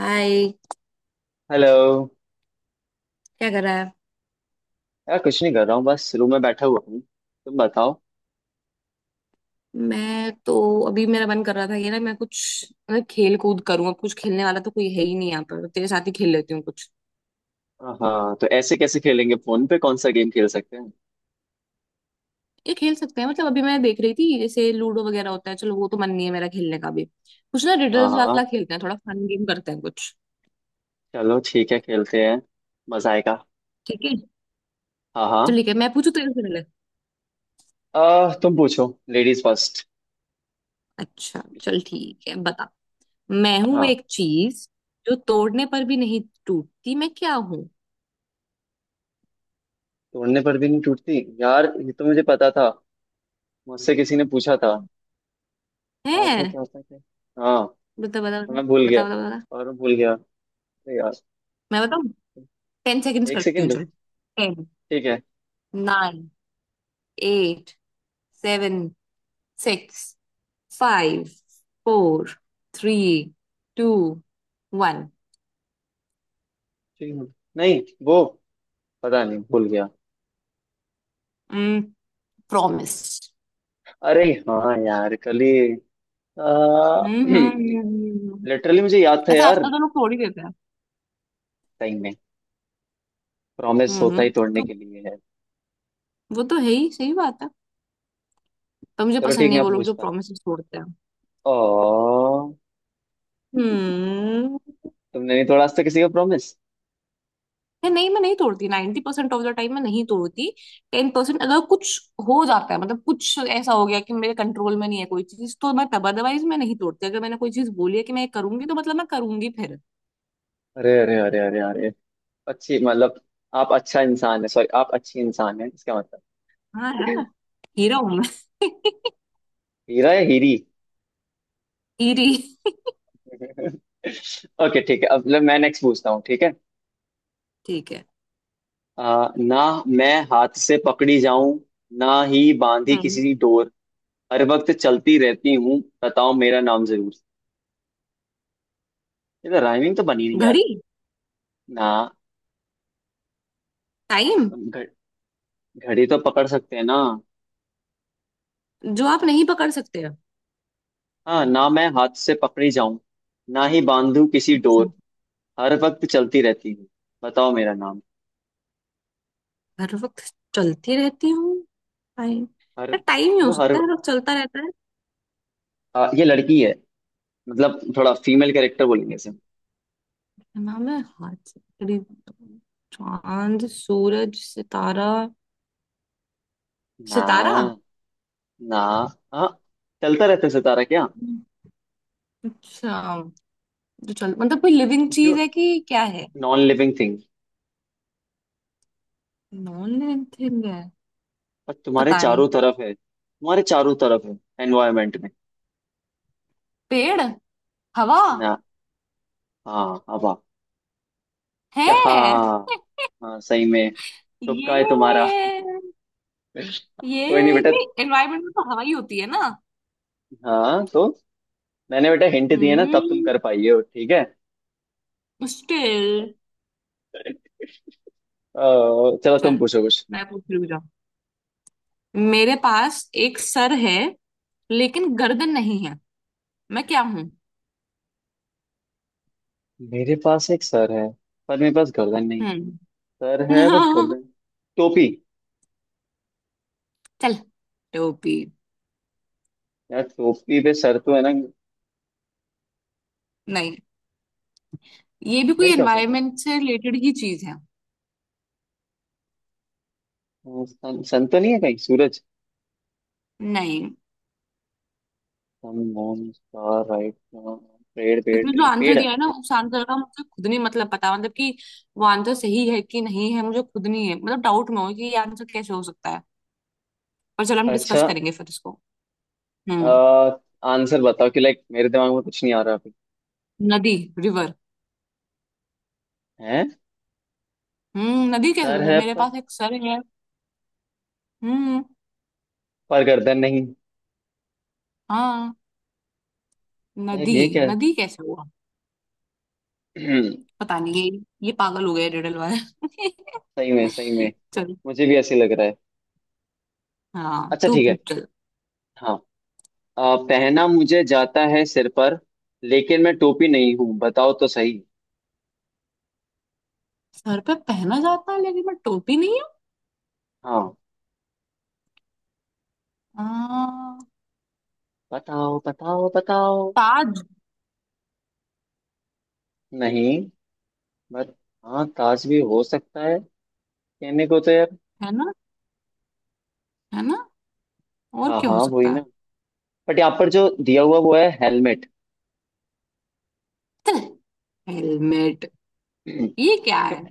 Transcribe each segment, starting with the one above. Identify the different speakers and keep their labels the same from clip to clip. Speaker 1: हाय।
Speaker 2: Hello.
Speaker 1: क्या कर रहा है?
Speaker 2: यार कुछ नहीं कर रहा हूँ, बस रूम में बैठा हुआ हूँ। तुम बताओ।
Speaker 1: मैं तो अभी मेरा मन कर रहा था ये ना मैं कुछ मतलब खेल कूद करूँ। अब कुछ खेलने वाला तो कोई है ही नहीं यहाँ पर, तेरे साथ ही खेल लेती हूँ कुछ।
Speaker 2: हाँ, तो ऐसे कैसे खेलेंगे? फोन पे कौन सा गेम खेल सकते हैं?
Speaker 1: ये खेल सकते हैं, मतलब अभी मैं देख रही थी जैसे लूडो वगैरह होता है, चलो वो तो मन नहीं है मेरा खेलने का भी। कुछ ना
Speaker 2: हाँ
Speaker 1: रिडल्स वाला
Speaker 2: हाँ,
Speaker 1: खेलते हैं, थोड़ा फन गेम करते हैं कुछ।
Speaker 2: चलो ठीक है, खेलते हैं। मजा आएगा।
Speaker 1: ठीक है।
Speaker 2: हाँ
Speaker 1: चल
Speaker 2: हाँ।
Speaker 1: ठीक है, मैं पूछू तेरे से पहले।
Speaker 2: तुम पूछो। Ladies first.
Speaker 1: अच्छा चल ठीक है, बता। मैं हूँ
Speaker 2: हाँ,
Speaker 1: एक चीज जो तोड़ने पर भी नहीं टूटती, मैं क्या हूँ?
Speaker 2: तोड़ने पर भी नहीं टूटती? यार, ये तो मुझे पता था। मुझसे किसी ने पूछा था। क्या था,
Speaker 1: है।
Speaker 2: क्या था, क्या? हाँ। तो
Speaker 1: बता बता बता।
Speaker 2: मैं भूल गया।
Speaker 1: बता बता बता।
Speaker 2: और मैं भूल गया। अरे यार,
Speaker 1: मैं बताऊँ? 10 सेकेंड्स
Speaker 2: एक
Speaker 1: करती हूँ
Speaker 2: सेकेंड।
Speaker 1: चल। 10।
Speaker 2: ठीक है।
Speaker 1: 9। 8। 7। 6। 5। 4। 3। 2। 1।
Speaker 2: ठीक है। नहीं, वो पता नहीं, भूल गया।
Speaker 1: प्रॉमिस।
Speaker 2: अरे हाँ यार, कल ही,
Speaker 1: हम्म हम्म
Speaker 2: लिटरली मुझे याद था
Speaker 1: वैसे
Speaker 2: यार।
Speaker 1: आजकल तो लोग छोड़ ही देते हैं।
Speaker 2: टाइम में प्रॉमिस होता ही तोड़ने
Speaker 1: तो
Speaker 2: के लिए है।
Speaker 1: वो तो है ही, सही बात है। पर मुझे
Speaker 2: चलो
Speaker 1: पसंद
Speaker 2: ठीक,
Speaker 1: नहीं
Speaker 2: मैं
Speaker 1: वो
Speaker 2: अब
Speaker 1: लोग जो
Speaker 2: पूछता।
Speaker 1: प्रॉमिस तोड़ते हैं।
Speaker 2: ओ,
Speaker 1: हम्म।
Speaker 2: तुमने नहीं तोड़ा आज तक किसी का प्रॉमिस?
Speaker 1: है नहीं, मैं नहीं तोड़ती। 90 परसेंट ऑफ द टाइम मैं नहीं तोड़ती। 10% अगर कुछ हो जाता है, मतलब कुछ ऐसा हो गया कि मेरे कंट्रोल में नहीं है कोई चीज, तो मैं तब, अदरवाइज मैं नहीं तोड़ती। अगर मैंने कोई चीज बोली है कि मैं ये करूंगी, तो मतलब मैं करूंगी फिर।
Speaker 2: अरे अरे अरे अरे अरे, अच्छी मतलब, आप अच्छा इंसान है, सॉरी, आप अच्छी इंसान है इसका मतलब।
Speaker 1: हाँ यार, हीरा हूं मैं।
Speaker 2: हीरा या हीरी?
Speaker 1: हीरी।
Speaker 2: ओके ठीक है, अब मैं नेक्स्ट पूछता हूँ, ठीक है?
Speaker 1: ठीक है।
Speaker 2: ना मैं हाथ से पकड़ी जाऊं, ना ही बांधी
Speaker 1: हम्म।
Speaker 2: किसी डोर, हर वक्त चलती रहती हूँ, बताओ मेरा नाम जरूर। ये तो राइमिंग तो बनी नहीं यार।
Speaker 1: घड़ी।
Speaker 2: ना।
Speaker 1: टाइम।
Speaker 2: घ- घड़ी तो पकड़ सकते हैं ना?
Speaker 1: जो आप नहीं पकड़ सकते।
Speaker 2: हाँ, ना मैं हाथ से पकड़ी जाऊं, ना ही बांधू किसी
Speaker 1: अच्छा।
Speaker 2: डोर, हर वक्त चलती रहती हूँ, बताओ मेरा नाम।
Speaker 1: हर वक्त चलती रहती हूँ। टाइम।
Speaker 2: हर,
Speaker 1: टाइम ही हो
Speaker 2: वो हर
Speaker 1: सकता है, हर वक्त चलता रहता है।
Speaker 2: ये लड़की है, मतलब थोड़ा फीमेल कैरेक्टर बोलेंगे इसे।
Speaker 1: ना मैं हाथ से पकड़ी-, चांद सूरज सितारा। सितारा।
Speaker 2: ना। ना। हाँ, चलता रहता है सितारा क्या?
Speaker 1: अच्छा, तो चल मतलब कोई लिविंग
Speaker 2: जो,
Speaker 1: चीज है कि क्या है?
Speaker 2: Non living thing.
Speaker 1: Non living thing है।
Speaker 2: और तुम्हारे
Speaker 1: पता नहीं।
Speaker 2: चारों तरफ है, तुम्हारे चारों तरफ है, एनवायरमेंट में।
Speaker 1: पेड़। हवा
Speaker 2: ना। हाँ हवा। क्या,
Speaker 1: है?
Speaker 2: हाँ? हाँ, सही में। तुक्का है तुम्हारा।
Speaker 1: ये ये
Speaker 2: कोई नहीं बेटा।
Speaker 1: नहीं एनवायरनमेंट में तो हवा ही होती है ना।
Speaker 2: हाँ तो, मैंने बेटा हिंट दिए ना तब तुम
Speaker 1: हम्म।
Speaker 2: कर पाई हो, ठीक है।
Speaker 1: स्टिल।
Speaker 2: अ, चलो तुम
Speaker 1: चल
Speaker 2: पूछो कुछ।
Speaker 1: मैं पूछ रही हूँ जा। मेरे पास एक सर है लेकिन गर्दन नहीं है, मैं क्या हूं?
Speaker 2: मेरे पास एक सर है पर मेरे पास गर्दन नहीं है।
Speaker 1: हम्म।
Speaker 2: सर है बट गर्दन। टोपी।
Speaker 1: चल। टोपी
Speaker 2: यार, टोपी पे सर तो है ना?
Speaker 1: नहीं, ये भी कोई
Speaker 2: फिर क्या हो सकता है?
Speaker 1: एनवायरनमेंट से रिलेटेड ही चीज है।
Speaker 2: सन, सन तो नहीं है कहीं? सूरज।
Speaker 1: नहीं,
Speaker 2: सन मून स्टार राइट। पेड़ पेड़
Speaker 1: उसमें जो
Speaker 2: ट्री,
Speaker 1: आंसर
Speaker 2: पेड़ है?
Speaker 1: दिया है ना उस आंसर का मुझे खुद नहीं मतलब पता, मतलब कि वो आंसर सही है कि नहीं है मुझे खुद नहीं है, मतलब डाउट में हो कि ये आंसर कैसे हो सकता है। पर चलो हम
Speaker 2: अच्छा।
Speaker 1: डिस्कस करेंगे फिर इसको। हम्म।
Speaker 2: आंसर बताओ कि, लाइक, मेरे दिमाग में कुछ नहीं आ रहा अभी।
Speaker 1: नदी। रिवर।
Speaker 2: है?
Speaker 1: हम्म, नदी कैसे
Speaker 2: सर
Speaker 1: होता है
Speaker 2: है
Speaker 1: मेरे
Speaker 2: पर
Speaker 1: पास एक सर है? हम्म।
Speaker 2: पर गर्दन नहीं।
Speaker 1: हाँ।
Speaker 2: यार
Speaker 1: नदी।
Speaker 2: ये क्या
Speaker 1: नदी कैसे हुआ?
Speaker 2: है?
Speaker 1: पता नहीं ये, ये पागल हो गया रिडल वाला।
Speaker 2: सही में, सही में।
Speaker 1: चल।
Speaker 2: मुझे भी ऐसे लग रहा है।
Speaker 1: हाँ
Speaker 2: अच्छा
Speaker 1: तू
Speaker 2: ठीक है।
Speaker 1: पूछ चल।
Speaker 2: हाँ। पहना मुझे जाता है सिर पर लेकिन मैं टोपी नहीं हूँ, बताओ तो सही।
Speaker 1: सर पे पहना जाता है लेकिन मैं टोपी नहीं हूँ।
Speaker 2: हाँ,
Speaker 1: हाँ,
Speaker 2: बताओ बताओ बताओ।
Speaker 1: ताज।
Speaker 2: नहीं। बट हाँ, ताज भी हो सकता है, कहने को तो यार।
Speaker 1: है ना? है ना? और
Speaker 2: हाँ
Speaker 1: क्या
Speaker 2: हाँ
Speaker 1: हो
Speaker 2: वही
Speaker 1: सकता है?
Speaker 2: ना। बट यहाँ पर जो दिया हुआ वो है हेलमेट।
Speaker 1: हेलमेट?
Speaker 2: क्यों?
Speaker 1: ये क्या है?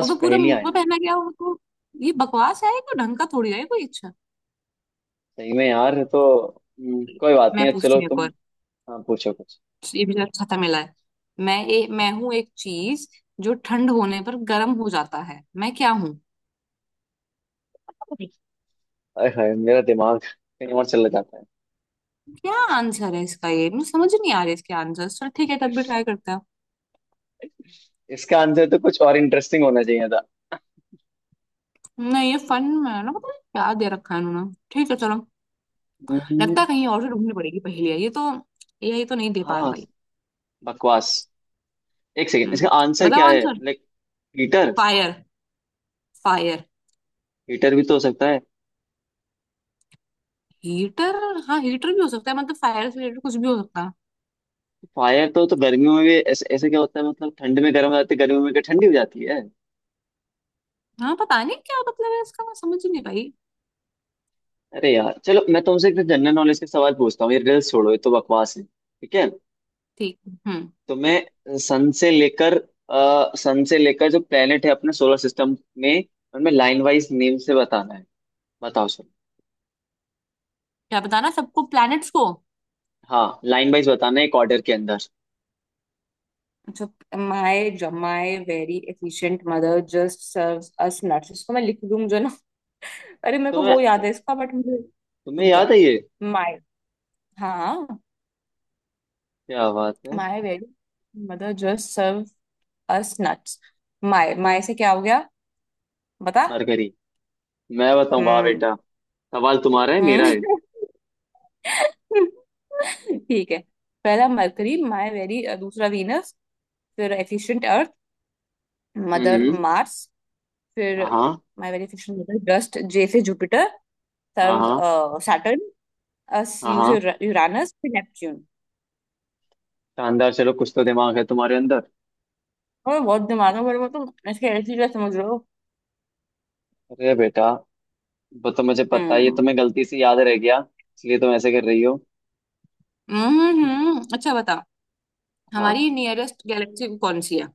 Speaker 1: वो तो पूरा मुंह
Speaker 2: पहेलियां है
Speaker 1: पे
Speaker 2: ना।
Speaker 1: पहना गया वो तो। ये बकवास है, कोई ढंग का थोड़ी है कोई अच्छा।
Speaker 2: सही में यार। तो कोई बात नहीं,
Speaker 1: मैं
Speaker 2: अब
Speaker 1: पूछती
Speaker 2: चलो
Speaker 1: हूँ एक
Speaker 2: तुम।
Speaker 1: और,
Speaker 2: हाँ, पूछो कुछ।
Speaker 1: ये भी जरा अच्छा था मिला है। मैं हूं एक चीज जो ठंड होने पर गर्म हो जाता है, मैं क्या हूँ?
Speaker 2: अरे हाय, मेरा दिमाग कहीं और चला जाता
Speaker 1: क्या आंसर है इसका? ये मुझे समझ नहीं आ रहा है इसके आंसर। चल ठीक है, तब भी ट्राई करते हैं।
Speaker 2: है। इसका आंसर तो कुछ और इंटरेस्टिंग होना चाहिए था।
Speaker 1: नहीं ये फन में है ना, पता नहीं क्या दे रखा है इन्होंने, ठीक है चलो।
Speaker 2: हम्म,
Speaker 1: लगता है कहीं और से ढूंढनी पड़ेगी पहेलियाँ ये तो, यही तो नहीं दे पा रहा
Speaker 2: हाँ,
Speaker 1: भाई।
Speaker 2: बकवास। एक सेकेंड, इसका
Speaker 1: हम्म।
Speaker 2: आंसर क्या
Speaker 1: बताओ
Speaker 2: है?
Speaker 1: Answer.
Speaker 2: Like, heater.
Speaker 1: Fire. Fire.
Speaker 2: Heater भी तो हो सकता है।
Speaker 1: हीटर। हाँ हीटर भी हो सकता है, मतलब फायर से रिलेटेड कुछ भी हो सकता है।
Speaker 2: फायर तो गर्मियों में भी ऐसे ऐसे क्या होता है? मतलब ठंड में गर्म हो जाती है, गर्मियों में क्या ठंडी हो जाती है?
Speaker 1: हाँ पता नहीं क्या मतलब है इसका, मैं समझ ही नहीं पाई।
Speaker 2: अरे यार, चलो मैं तुमसे एक जनरल नॉलेज के सवाल पूछता हूँ, ये रिल्स छोड़ो, ये तो बकवास है, ठीक है?
Speaker 1: ठीक। हम्म।
Speaker 2: तो मैं सन से लेकर, सन से लेकर जो प्लेनेट है अपने सोलर सिस्टम में, उनमें लाइन वाइज नेम से बताना है। बताओ सर।
Speaker 1: क्या बताना, सबको प्लैनेट्स को?
Speaker 2: हाँ, लाइन वाइज बताना है, एक ऑर्डर के अंदर।
Speaker 1: अच्छा। My my very efficient mother just serves us nuts, इसको मैं लिख दूं जो ना। अरे मेरे को
Speaker 2: तुम्हें
Speaker 1: वो याद
Speaker 2: तु,
Speaker 1: है इसका, बट मुझे
Speaker 2: तुम्हें
Speaker 1: रुक जा।
Speaker 2: याद है ये?
Speaker 1: माय। हाँ।
Speaker 2: क्या बात है।
Speaker 1: My very mother just serve us nuts. My my से क्या हो गया? बता।
Speaker 2: मरकरी। मैं बताऊं? वाह
Speaker 1: हम्म
Speaker 2: बेटा। सवाल तुम्हारा है मेरा
Speaker 1: हम्म।
Speaker 2: है।
Speaker 1: ठीक है। पहला मरकरी, माय वेरी दूसरा वीनस, फिर efficient Earth, mother
Speaker 2: hmm.
Speaker 1: Mars, फिर
Speaker 2: हाँ हाँ।
Speaker 1: My very efficient mother just, J से जुपिटर,
Speaker 2: हाँ
Speaker 1: सर्व सैटर्न, अस
Speaker 2: हाँ।
Speaker 1: यू से
Speaker 2: हाँ।
Speaker 1: यूरानस, फिर नेपच्यून।
Speaker 2: शानदार, चलो कुछ तो दिमाग है तुम्हारे अंदर।
Speaker 1: और बहुत दिमाग है, बड़े तुम इसके ऐसी क्या समझ रहे हो।
Speaker 2: अरे बेटा, वो तो मुझे पता है, ये
Speaker 1: हम्म
Speaker 2: तुम्हें गलती से याद रह गया इसलिए तुम ऐसे कर रही हो।
Speaker 1: अच्छा बता।
Speaker 2: हाँ,
Speaker 1: हमारी नियरेस्ट गैलेक्सी कौन सी है?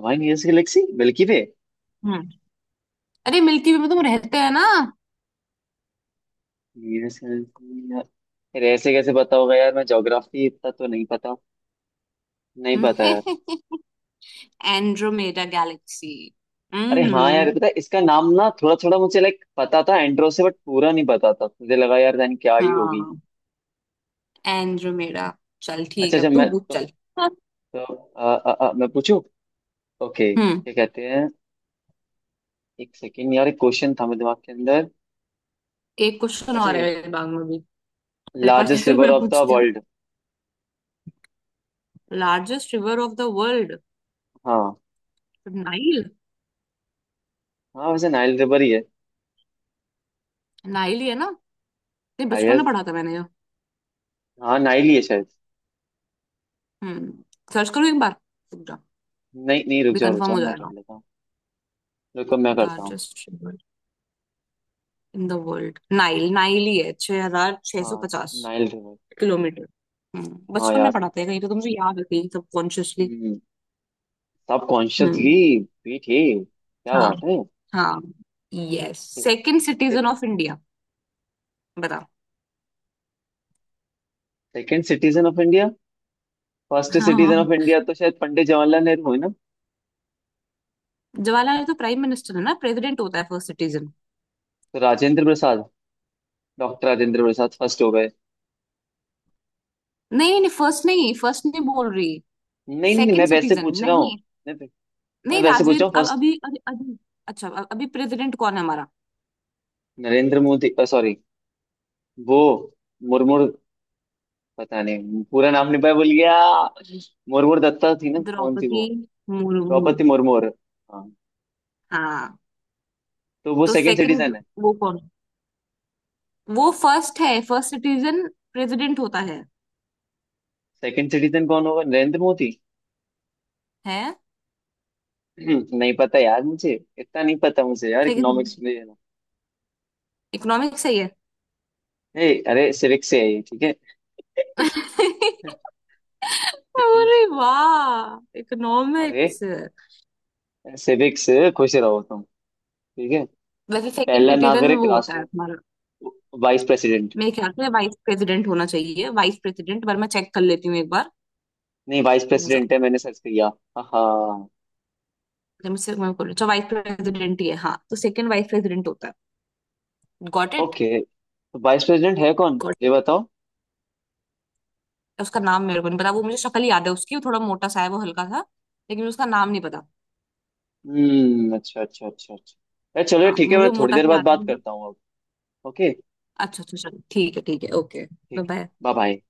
Speaker 2: हमारी नियरेस्ट गैलेक्सी मिल्की वे।
Speaker 1: हम्म। अरे मिल्की वे में तुम रहते हैं ना।
Speaker 2: नियरेस्ट गैलेक्सी यार, फिर ऐसे कैसे पता होगा यार? मैं ज्योग्राफी इतना तो नहीं पता। नहीं पता यार।
Speaker 1: Andromeda galaxy.
Speaker 2: अरे हाँ
Speaker 1: हम्म।
Speaker 2: यार, पता है इसका नाम ना, थोड़ा थोड़ा मुझे, लाइक, पता था एंड्रो से, बट पूरा नहीं पता था, मुझे लगा यार जान क्या ही होगी।
Speaker 1: हाँ एंड्रोमेडा। चल ठीक
Speaker 2: अच्छा
Speaker 1: है,
Speaker 2: अच्छा,
Speaker 1: तू
Speaker 2: मैं
Speaker 1: पूछ चल।
Speaker 2: तो अ, अ, अ, मैं पूछूं। ओके
Speaker 1: हम्म।
Speaker 2: क्या कहते हैं? एक सेकेंड यार, एक क्वेश्चन था मेरे दिमाग के अंदर।
Speaker 1: एक क्वेश्चन
Speaker 2: अच्छा
Speaker 1: और है
Speaker 2: ये,
Speaker 1: मेरे दिमाग में भी, तेरे पास है
Speaker 2: लार्जेस्ट
Speaker 1: तो
Speaker 2: रिवर
Speaker 1: मैं
Speaker 2: ऑफ द
Speaker 1: पूछती हूँ।
Speaker 2: World.
Speaker 1: Largest river of the world?
Speaker 2: हाँ,
Speaker 1: नाइल।
Speaker 2: हाँ, वैसे नाइल रिवर ही है।
Speaker 1: नाइल ही है ना? ये बचपन में
Speaker 2: हाईएस्ट।
Speaker 1: पढ़ा था मैंने ये।
Speaker 2: हाँ, नाइल ही है शायद।
Speaker 1: हम्म। सर्च करूँ एक बार, रुक जा,
Speaker 2: नहीं नहीं, रुक
Speaker 1: भी
Speaker 2: जाओ रुक
Speaker 1: कंफर्म
Speaker 2: जाओ,
Speaker 1: हो
Speaker 2: मैं कर
Speaker 1: जाएगा।
Speaker 2: लेता हूँ। रुको मैं करता हूँ।
Speaker 1: Largest river in the world. Nile. Nile ही है। छह हजार छह सौ
Speaker 2: हाँ,
Speaker 1: पचास
Speaker 2: नाइल रिवर।
Speaker 1: किलोमीटर हम्म।
Speaker 2: हाँ
Speaker 1: बचपन में
Speaker 2: यार,
Speaker 1: पढ़ाते हैं कहीं तो, तुमसे याद है कहीं सब कॉन्शियसली।
Speaker 2: सब
Speaker 1: हम्म।
Speaker 2: कॉन्शियसली। पीठ ही क्या
Speaker 1: हाँ।
Speaker 2: बात
Speaker 1: हाँ। यस। सेकंड
Speaker 2: है।
Speaker 1: सिटीजन ऑफ इंडिया, बताओ।
Speaker 2: Second citizen of India. First citizen
Speaker 1: हाँ।
Speaker 2: ऑफ इंडिया तो शायद पंडित जवाहरलाल नेहरू हुए ना।
Speaker 1: जवाहरलाल नेहरू तो प्राइम मिनिस्टर है ना, प्रेसिडेंट होता है फर्स्ट सिटीजन।
Speaker 2: तो राजेंद्र प्रसाद, डॉक्टर राजेंद्र प्रसाद फर्स्ट हो गए।
Speaker 1: नहीं नहीं नहीं फर्स्ट नहीं, फर्स्ट नहीं बोल रही।
Speaker 2: नहीं नहीं, मैं
Speaker 1: सेकंड
Speaker 2: वैसे
Speaker 1: सिटीजन।
Speaker 2: पूछ रहा हूँ।
Speaker 1: नहीं
Speaker 2: नहीं, मैं
Speaker 1: नहीं
Speaker 2: वैसे पूछ रहा
Speaker 1: राजवीर,
Speaker 2: हूँ
Speaker 1: अब
Speaker 2: फर्स्ट।
Speaker 1: अभी अभी अभी अच्छा अभी प्रेसिडेंट कौन है हमारा?
Speaker 2: नरेंद्र मोदी, सॉरी। वो मुर्मू, पता नहीं पूरा नाम नहीं पता, भूल गया। मुर्मू दत्ता थी ना, कौन थी
Speaker 1: द्रौपदी
Speaker 2: वो?
Speaker 1: मुर्मू।
Speaker 2: द्रौपदी मुर्मू हाँ,
Speaker 1: हाँ।
Speaker 2: तो वो
Speaker 1: तो
Speaker 2: सेकंड
Speaker 1: सेकंड?
Speaker 2: सिटीजन है।
Speaker 1: वो कौन? वो फर्स्ट है, फर्स्ट सिटीजन, प्रेसिडेंट होता है।
Speaker 2: सेकंड सिटीजन कौन होगा, नरेंद्र मोदी?
Speaker 1: है।
Speaker 2: नहीं पता यार मुझे, इतना नहीं पता मुझे यार,
Speaker 1: सेकंड।
Speaker 2: इकोनॉमिक्स में है ना।
Speaker 1: इकोनॉमिक्स सही है।
Speaker 2: अरे सिविक्स से है ये, ठीक है। सिक्किम-
Speaker 1: अरे वाह,
Speaker 2: अरे
Speaker 1: इकोनॉमिक्स।
Speaker 2: सिविक से खुश रहो तुम, ठीक है।
Speaker 1: वैसे सेकंड
Speaker 2: पहला
Speaker 1: सिटीजन
Speaker 2: नागरिक
Speaker 1: वो होता है
Speaker 2: राष्ट्र,
Speaker 1: हमारा,
Speaker 2: वाइस प्रेसिडेंट।
Speaker 1: मेरे ख्याल से वाइस प्रेसिडेंट होना चाहिए। वाइस प्रेसिडेंट, पर मैं चेक कर लेती हूँ एक बार,
Speaker 2: नहीं, वाइस
Speaker 1: रुक जाओ।
Speaker 2: प्रेसिडेंट है, मैंने सर्च किया। हाँ।
Speaker 1: जब मुझसे मैं बोलूँ। अच्छा वाइस प्रेसिडेंट ही है, हाँ। तो सेकंड वाइस प्रेसिडेंट होता है। Got it.
Speaker 2: ओके, तो वाइस प्रेसिडेंट है कौन,
Speaker 1: गॉट
Speaker 2: ये
Speaker 1: इट।
Speaker 2: बताओ।
Speaker 1: उसका नाम मेरे को नहीं पता, वो मुझे शक्ल याद है उसकी, वो थोड़ा मोटा सा है वो, हल्का सा। लेकिन उसका नाम नहीं पता।
Speaker 2: हम्म, अच्छा अच्छा अच्छा अच्छा। अरे चलो
Speaker 1: हाँ वो
Speaker 2: ठीक है,
Speaker 1: मुझे
Speaker 2: मैं थोड़ी
Speaker 1: मोटा
Speaker 2: देर
Speaker 1: सा
Speaker 2: बाद
Speaker 1: याद है,
Speaker 2: बात
Speaker 1: मतलब।
Speaker 2: करता हूँ अब। ओके।
Speaker 1: अच्छा अच्छा चलो ठीक है, ठीक है, ओके।
Speaker 2: ठीक है।
Speaker 1: बाय।
Speaker 2: Bye bye.